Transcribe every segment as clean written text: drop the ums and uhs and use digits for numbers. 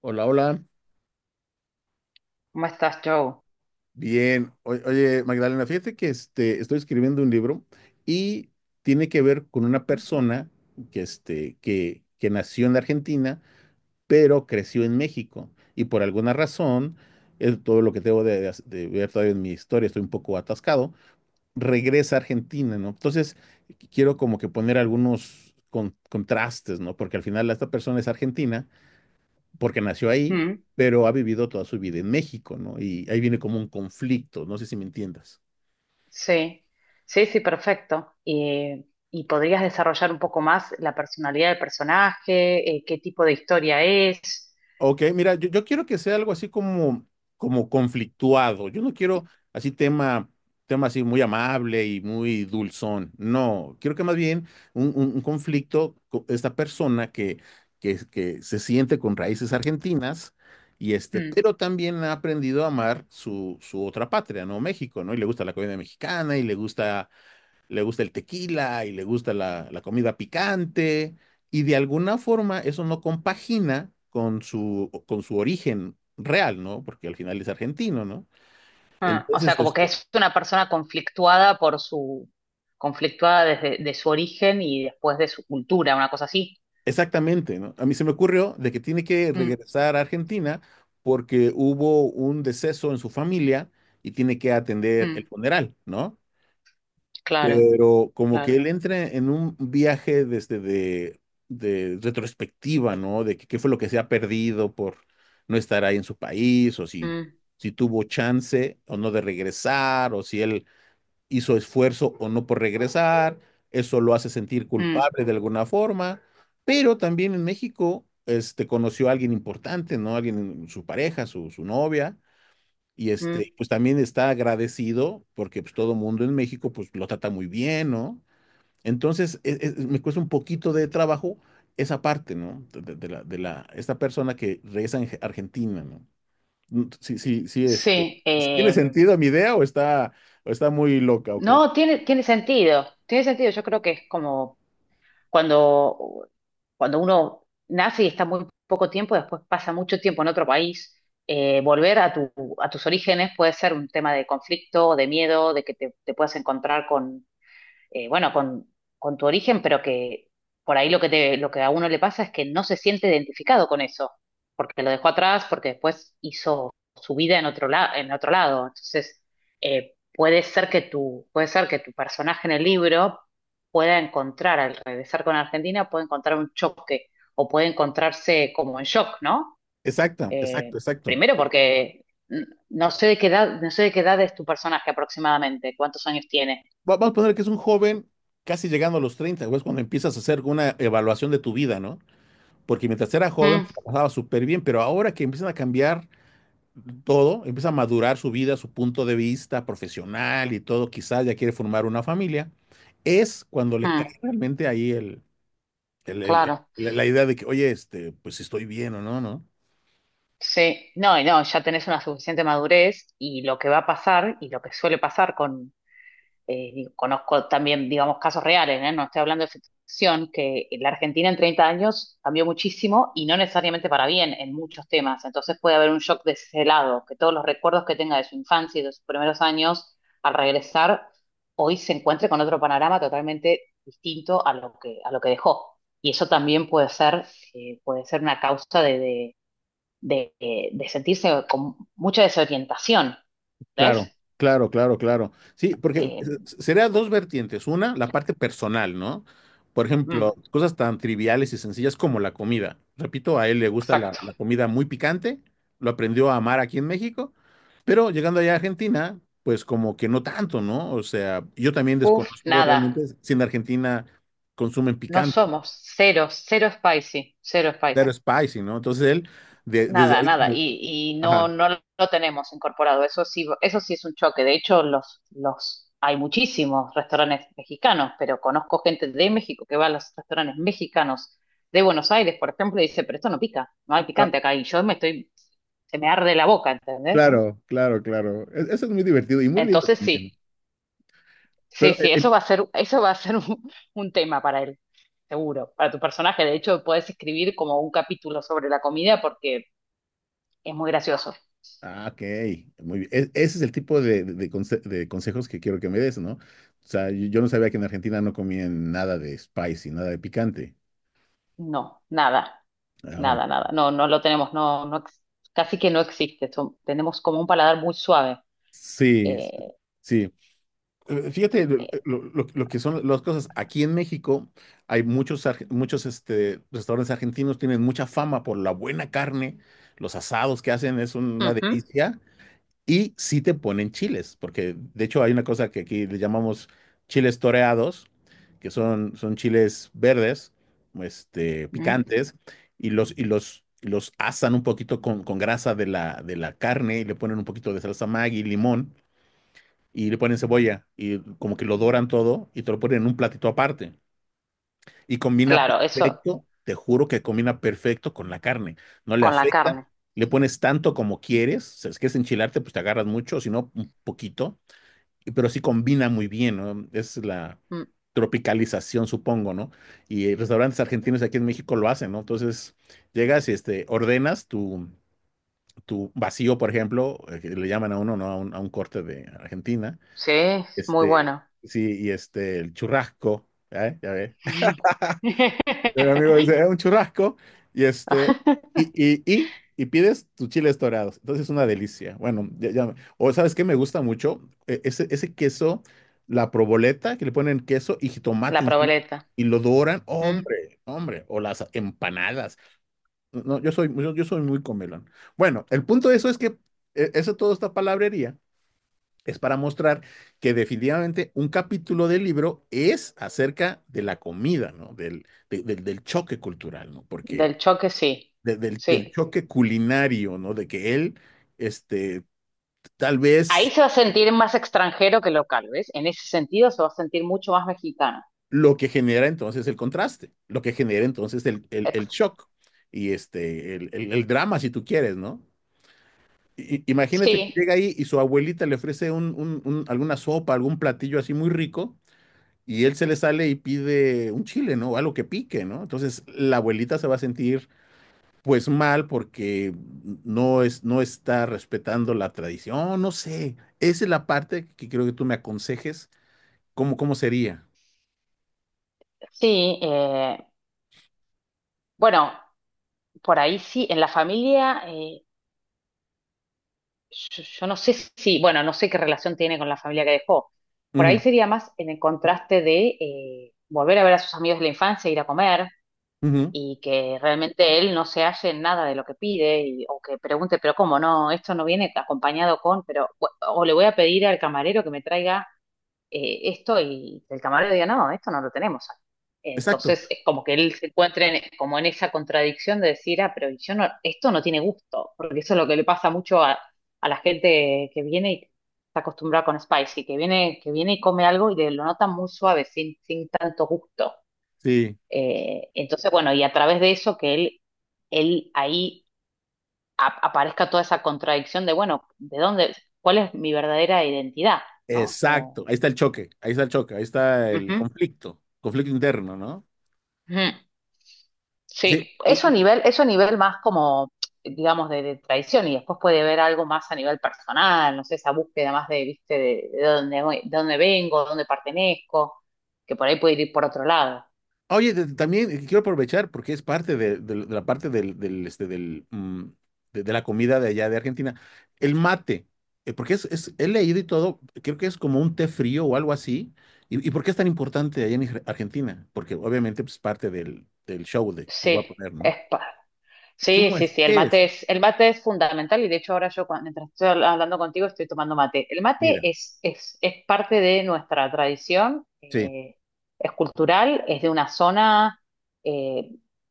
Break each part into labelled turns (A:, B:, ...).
A: Hola, hola.
B: ¿Cómo estás, Joe?
A: Bien. Oye, Magdalena, fíjate estoy escribiendo un libro y tiene que ver con una persona que nació en la Argentina, pero creció en México. Y por alguna razón, es todo lo que tengo de ver todavía en mi historia, estoy un poco atascado, regresa a Argentina, ¿no? Entonces, quiero como que poner algunos contrastes, ¿no? Porque al final esta persona es argentina porque nació ahí,
B: Mm,
A: pero ha vivido toda su vida en México, ¿no? Y ahí viene como un conflicto, no sé si me entiendas.
B: sí, sí, sí, perfecto. ¿Y podrías desarrollar un poco más la personalidad del personaje? ¿Qué tipo de historia es?
A: Ok, mira, yo quiero que sea algo así como conflictuado. Yo no quiero así tema así muy amable y muy dulzón. No, quiero que más bien un conflicto con esta persona que se siente con raíces argentinas y
B: Mm,
A: pero también ha aprendido a amar su otra patria, ¿no? México, ¿no? Y le gusta la comida mexicana y le gusta el tequila y le gusta la comida picante, y de alguna forma eso no compagina con su origen real, ¿no? Porque al final es argentino, ¿no?
B: ah, o sea,
A: Entonces,
B: como que es una persona conflictuada desde de su origen y después de su cultura, una cosa así.
A: exactamente, ¿no? A mí se me ocurrió de que tiene que
B: Mm,
A: regresar a Argentina porque hubo un deceso en su familia y tiene que atender el
B: mm,
A: funeral, ¿no?
B: claro,
A: Pero como que
B: claro.
A: él entra en un viaje de retrospectiva, ¿no? De que qué fue lo que se ha perdido por no estar ahí en su país, o si,
B: Mm,
A: si tuvo chance o no de regresar, o si él hizo esfuerzo o no por regresar. Eso lo hace sentir
B: mm,
A: culpable de alguna forma. Pero también en México, conoció a alguien importante, ¿no? Alguien, su pareja, su novia. Y
B: mm.
A: pues también está agradecido porque pues todo mundo en México pues lo trata muy bien, ¿no? Entonces, me cuesta un poquito de trabajo esa parte, ¿no? De la, esta persona que regresa en Argentina, ¿no? Mm. Sí, sí, sí. este,
B: Sí,
A: ¿sí ¿tiene sentido mi idea, o está muy loca o cómo?
B: no, tiene, tiene sentido, tiene sentido. Yo creo que es como cuando, cuando uno nace y está muy poco tiempo, después pasa mucho tiempo en otro país, eh, volver a tu, a tus orígenes puede ser un tema de conflicto, de miedo, de que te puedas encontrar con con tu origen, pero que por ahí lo que lo que a uno le pasa es que no se siente identificado con eso, porque lo dejó atrás, porque después hizo su vida en otro lado, en otro lado. Entonces, puede ser que tu personaje en el libro pueda encontrar, al regresar con Argentina, puede encontrar un choque o puede encontrarse como en shock, ¿no?
A: Exacto, exacto,
B: Eh,
A: exacto.
B: primero porque no sé de qué edad, no sé de qué edad es tu personaje aproximadamente, cuántos años tiene.
A: Vamos a poner que es un joven casi llegando a los 30 güey, es cuando empiezas a hacer una evaluación de tu vida, ¿no? Porque mientras era joven,
B: Mm,
A: pues, la pasaba súper bien, pero ahora que empiezan a cambiar todo, empieza a madurar su vida, su punto de vista profesional y todo, quizás ya quiere formar una familia, es cuando le cae
B: mm.
A: realmente ahí el- el-
B: Claro,
A: el- la idea de que, oye, pues si estoy bien o no, ¿no?
B: sí, no, y no, ya tenés una suficiente madurez y lo que va a pasar y lo que suele pasar con digo, conozco también, digamos, casos reales, ¿eh? No estoy hablando de ficción, que la Argentina en 30 años cambió muchísimo y no necesariamente para bien en muchos temas, entonces puede haber un shock de ese lado, que todos los recuerdos que tenga de su infancia y de sus primeros años al regresar, hoy se encuentre con otro panorama totalmente distinto a lo que dejó. Y eso también puede ser, puede ser una causa de de sentirse con mucha desorientación, ¿ves?
A: Claro, claro, claro, claro. Sí, porque
B: Eh,
A: sería dos vertientes. Una, la parte personal, ¿no? Por ejemplo,
B: mm,
A: cosas tan triviales y sencillas como la comida. Repito, a él le gusta
B: exacto.
A: la comida muy picante, lo aprendió a amar aquí en México. Pero llegando allá a Argentina, pues como que no tanto, ¿no? O sea, yo también
B: Uf,
A: desconozco
B: nada,
A: realmente si en Argentina consumen
B: no
A: picante,
B: somos, cero, cero spicy, cero
A: claro,
B: spicy.
A: spicy, ¿no? Entonces él, desde
B: Nada,
A: ahí
B: nada,
A: como,
B: y no,
A: ajá,
B: no lo tenemos incorporado. Eso sí es un choque. De hecho, los, hay muchísimos restaurantes mexicanos, pero conozco gente de México que va a los restaurantes mexicanos de Buenos Aires, por ejemplo, y dice, pero esto no pica, no hay
A: ah,
B: picante acá. Y yo me estoy, se me arde la boca, ¿entendés?
A: claro, claro, claro. Eso es muy divertido y muy lindo
B: Entonces sí,
A: también.
B: sí,
A: Pero,
B: sí, eso va a ser, eso va a ser un tema para él, seguro, para tu personaje. De hecho, puedes escribir como un capítulo sobre la comida porque es muy gracioso.
A: ah, ok, muy bien. Ese es el tipo de consejos que quiero que me des, ¿no? O sea, yo no sabía que en Argentina no comían nada de spicy, nada de picante.
B: No, nada,
A: Ah,
B: nada,
A: ok.
B: nada. No, no lo tenemos, casi que no existe. Tenemos como un paladar muy suave.
A: Sí,
B: Eh,
A: sí. Fíjate
B: eh,
A: lo que son las cosas. Aquí en México hay muchos restaurantes argentinos, tienen mucha fama por la buena carne, los asados que hacen es una
B: ujú,
A: delicia y sí te ponen chiles, porque de hecho hay una cosa que aquí le llamamos chiles toreados, que son chiles verdes,
B: mm,
A: picantes, y y los asan un poquito con grasa de la carne y le ponen un poquito de salsa Maggi, limón y le ponen cebolla y como que lo doran todo y te lo ponen en un platito aparte. Y combina
B: claro, eso
A: perfecto, te juro que combina perfecto con la carne. No le
B: con la
A: afecta,
B: carne.
A: le pones tanto como quieres. Si es que es enchilarte, pues te agarras mucho, si no, un poquito. Pero sí combina muy bien, ¿no? Es la
B: Mm,
A: tropicalización, supongo, ¿no? Y restaurantes argentinos aquí en México lo hacen, ¿no? Entonces llegas y ordenas tu vacío, por ejemplo, que le llaman a uno, ¿no? A a un corte de Argentina
B: sí, es muy
A: este,
B: bueno.
A: sí, y el churrasco, ¿eh? Ya ves. El amigo dice: un churrasco, y y pides tus chiles dorados." Entonces es una delicia. Bueno, o ¿sabes qué me gusta mucho? Ese queso, la proboleta, que le ponen queso y jitomate
B: La
A: encima,
B: proboleta.
A: y lo doran.
B: Mm,
A: Hombre, hombre, o las empanadas. No, no, yo soy muy comelón. Bueno, el punto de eso es que eso todo esta palabrería es para mostrar que definitivamente un capítulo del libro es acerca de la comida, ¿no? Del choque cultural, ¿no? Porque
B: del choque, sí.
A: del
B: Sí.
A: choque culinario, ¿no? De que él, este, tal
B: Ahí
A: vez
B: se va a sentir más extranjero que local, ¿ves? En ese sentido se va a sentir mucho más mexicano.
A: lo que genera entonces el contraste, lo que genera entonces el
B: Ex-
A: shock y el drama, si tú quieres, ¿no? Imagínate que
B: sí,
A: llega ahí y su abuelita le ofrece alguna sopa, algún platillo así muy rico, y él se le sale y pide un chile, ¿no? Algo que pique, ¿no? Entonces la abuelita se va a sentir pues mal porque no es, no está respetando la tradición, no sé. Esa es la parte que creo que tú me aconsejes, cómo sería.
B: sí. Bueno, por ahí sí, en la familia, yo, yo no sé si, bueno, no sé qué relación tiene con la familia que dejó. Por
A: Ujú,
B: ahí sería más en el contraste de volver a ver a sus amigos de la infancia, ir a comer
A: ujú,
B: y que realmente él no se halle en nada de lo que pide o que pregunte, pero ¿cómo no? Esto no viene acompañado con, pero, o le voy a pedir al camarero que me traiga esto y el camarero diga, no, esto no lo tenemos aquí.
A: exacto,
B: Entonces es como que él se encuentre como en esa contradicción de decir, ah, pero yo no, esto no tiene gusto, porque eso es lo que le pasa mucho a la gente que viene y está acostumbrada con spicy, que viene y come algo y lo nota muy suave, sin, sin tanto gusto.
A: sí,
B: Entonces, bueno, y a través de eso que él ahí aparezca toda esa contradicción de, bueno, ¿de dónde, cuál es mi verdadera identidad? ¿No? Como,
A: exacto. Ahí está el choque, ahí está el choque, ahí está el
B: ujú,
A: conflicto, conflicto interno, ¿no?
B: ujú. Sí,
A: Sí,
B: eso a nivel más como, digamos, de tradición y después puede ver algo más a nivel personal, no sé, esa búsqueda más de, viste, de dónde, de dónde vengo, dónde pertenezco, que por ahí puede ir por otro lado.
A: oye, también quiero aprovechar porque es parte de la parte del, del, este, de la comida de allá de Argentina. El mate, porque he leído y todo, creo que es como un té frío o algo así. Y por qué es tan importante allá en Argentina? Porque obviamente pues, es parte del show de, que voy
B: Sí,
A: a poner, ¿no?
B: es, Sí,
A: ¿Cómo
B: sí,
A: es?
B: sí,
A: ¿Qué es?
B: el mate es fundamental y de hecho ahora mientras estoy hablando contigo estoy tomando mate. El mate
A: Mira,
B: es parte de nuestra tradición,
A: sí,
B: es cultural, es de una zona eh,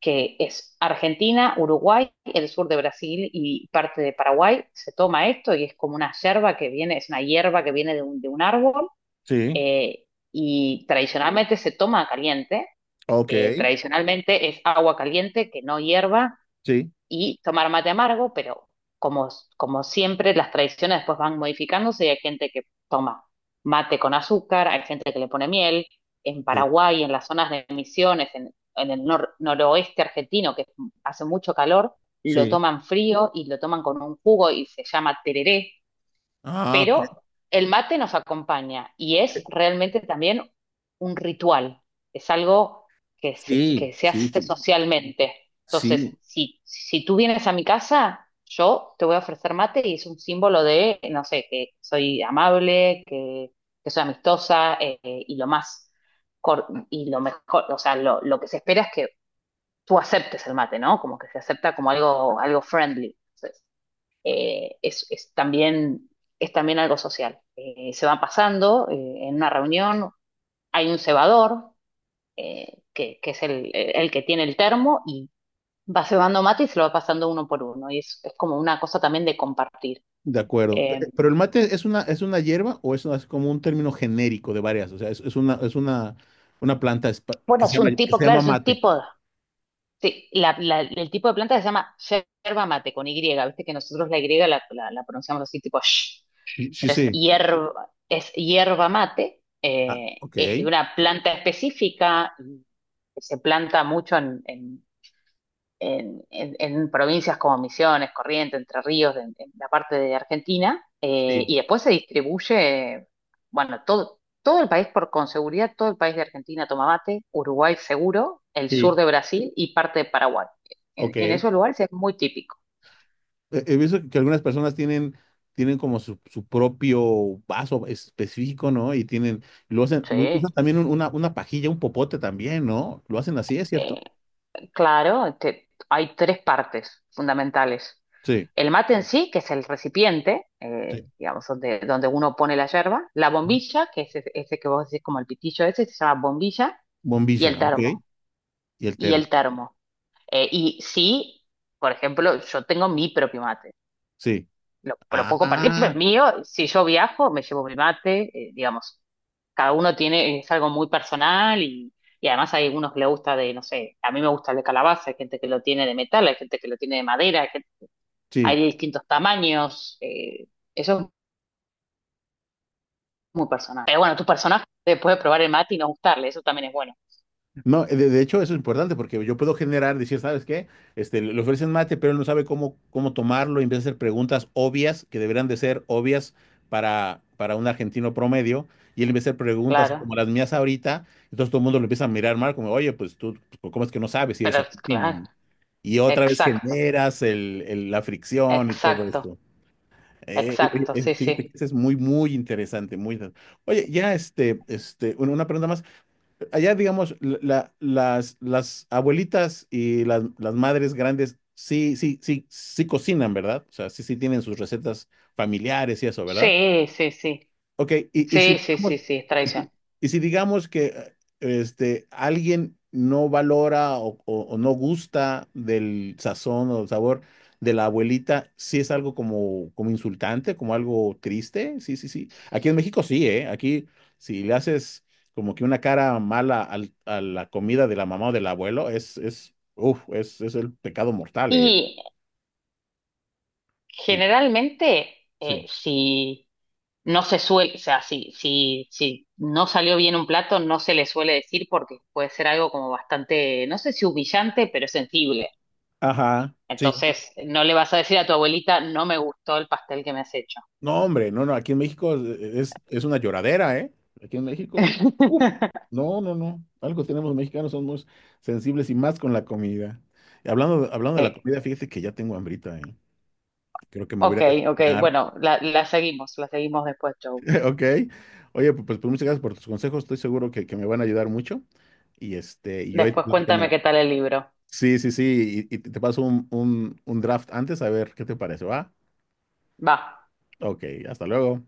B: que es Argentina, Uruguay, el sur de Brasil y parte de Paraguay. Se toma esto y es como una yerba que viene, es una hierba que viene de un árbol
A: sí,
B: eh, y tradicionalmente se toma caliente.
A: ok,
B: Tradicionalmente es agua caliente que no hierba
A: sí,
B: y tomar mate amargo, pero como, como siempre, las tradiciones después van modificándose y hay gente que toma mate con azúcar, hay gente que le pone miel. En
A: sí,
B: Paraguay, en las zonas de Misiones, en el noroeste argentino, que hace mucho calor, lo
A: sí.
B: toman frío y lo toman con un jugo y se llama tereré,
A: Ah, ok.
B: pero el mate nos acompaña y es realmente también un ritual, es algo
A: Sí,
B: que se
A: sí,
B: hace
A: sí,
B: socialmente. Entonces,
A: sí.
B: si tú vienes a mi casa, yo te voy a ofrecer mate y es un símbolo de, no sé, que soy amable, que soy amistosa y lo mejor, o sea, lo que se espera es que tú aceptes el mate, ¿no? Como que se acepta como algo, algo friendly. eh, es, es también, es también algo social. Se van pasando en una reunión, hay un cebador, que es el que tiene el termo, y va cebando mate y se lo va pasando uno por uno. Y es como una cosa también de compartir.
A: De acuerdo.
B: Eh,
A: Pero el mate es es una hierba o es como un término genérico de varias. O sea, una planta
B: bueno,
A: que se llama
B: es un
A: mate.
B: tipo. Sí, el tipo de planta se llama yerba mate con Y, viste que nosotros la Y la pronunciamos así tipo sh,
A: Sí, sí,
B: pero
A: sí.
B: es hierba mate,
A: Ah, ok.
B: es de una planta específica, que se planta mucho en en provincias como Misiones, Corrientes, Entre Ríos, en la parte de Argentina,
A: Sí,
B: y después se distribuye, bueno, todo, todo el país, por con seguridad, todo el país de Argentina toma mate, Uruguay seguro, el sur
A: sí.
B: de Brasil y parte de Paraguay.
A: Ok.
B: En esos lugares es muy típico.
A: He visto que algunas personas tienen como su propio vaso específico, ¿no? Y tienen, lo hacen, lo
B: Sí.
A: usan también una pajilla, un popote también, ¿no? Lo hacen así, ¿es
B: Eh,
A: cierto?
B: claro, hay tres partes fundamentales.
A: Sí,
B: El mate en sí, que es el recipiente,
A: sí.
B: digamos, donde uno pone la yerba, la
A: Ujú.
B: bombilla, que es ese que vos decís como el pitillo ese, se llama bombilla, y el
A: Bombilla, ok.
B: termo,
A: Y el
B: y
A: termo.
B: el termo. Y sí, por ejemplo, yo tengo mi propio mate,
A: Sí.
B: lo puedo compartir, pero es
A: Ah,
B: mío. Si yo viajo, me llevo mi mate, digamos. Cada uno tiene, es algo muy personal y además hay unos que le gusta de, no sé, a mí me gusta el de calabaza, hay gente que lo tiene de metal, hay gente que lo tiene de madera, hay
A: sí.
B: de distintos tamaños. Eso es muy personal. Pero bueno, tu personaje te puede probar el mate y no gustarle, eso también es bueno.
A: No, de hecho eso es importante porque yo puedo generar, decir, ¿sabes qué? Le ofrecen mate, pero él no sabe cómo tomarlo y empieza a hacer preguntas obvias que deberían de ser obvias para un argentino promedio, y él empieza a hacer preguntas
B: Claro,
A: como las mías ahorita, entonces todo el mundo lo empieza a mirar mal como, oye, pues tú, pues, ¿cómo es que no sabes si eres
B: pero
A: argentino,
B: claro,
A: no? Y otra vez
B: exacto,
A: generas la fricción y todo
B: exacto,
A: esto. Eh, eh,
B: exacto,
A: eh,
B: sí,
A: fíjate que
B: sí.
A: eso es muy, muy interesante, muy interesante. Oye, ya una pregunta más. Allá, digamos, las abuelitas y las madres grandes sí, sí, sí, sí cocinan, ¿verdad? O sea, sí, sí tienen sus recetas familiares y eso, ¿verdad?
B: Sí, sí, sí,
A: Ok,
B: sí, sí, sí, sí, es
A: y si,
B: tradición.
A: y si digamos que alguien no valora o no gusta del sazón o sabor de la abuelita, sí es algo como insultante, como algo triste, sí, sí, sí. Aquí en México sí, ¿eh? Aquí si le haces como que una cara mala a la comida de la mamá o del abuelo, es el pecado mortal, ¿eh?
B: Y
A: Sí,
B: Generalmente, eh,
A: sí.
B: si no se suele, o sea, si, si, si no salió bien un plato, no se le suele decir porque puede ser algo como bastante, no sé si humillante, pero sensible.
A: Ajá. Sí.
B: Entonces, no le vas a decir a tu abuelita, no me gustó el pastel que me has hecho.
A: No, hombre, no, no, aquí en México es una lloradera, ¿eh? Aquí en México, uf, no, no, no, algo tenemos mexicanos, somos sensibles y más con la comida. Y hablando de la
B: Eh,
A: comida, fíjate que ya tengo hambrita, ¿eh? Creo que me voy
B: ok,
A: a ir a
B: ok,
A: desayunar,
B: bueno, la, la seguimos después, Joe.
A: ¿ok? Oye, pues muchas gracias por tus consejos, estoy seguro que me van a ayudar mucho. Y y yo ahí te
B: Después cuéntame
A: platicando.
B: qué tal el libro.
A: Sí, sí, sí, y te paso un draft antes a ver qué te parece, ¿va?
B: Va.
A: Ok, hasta luego.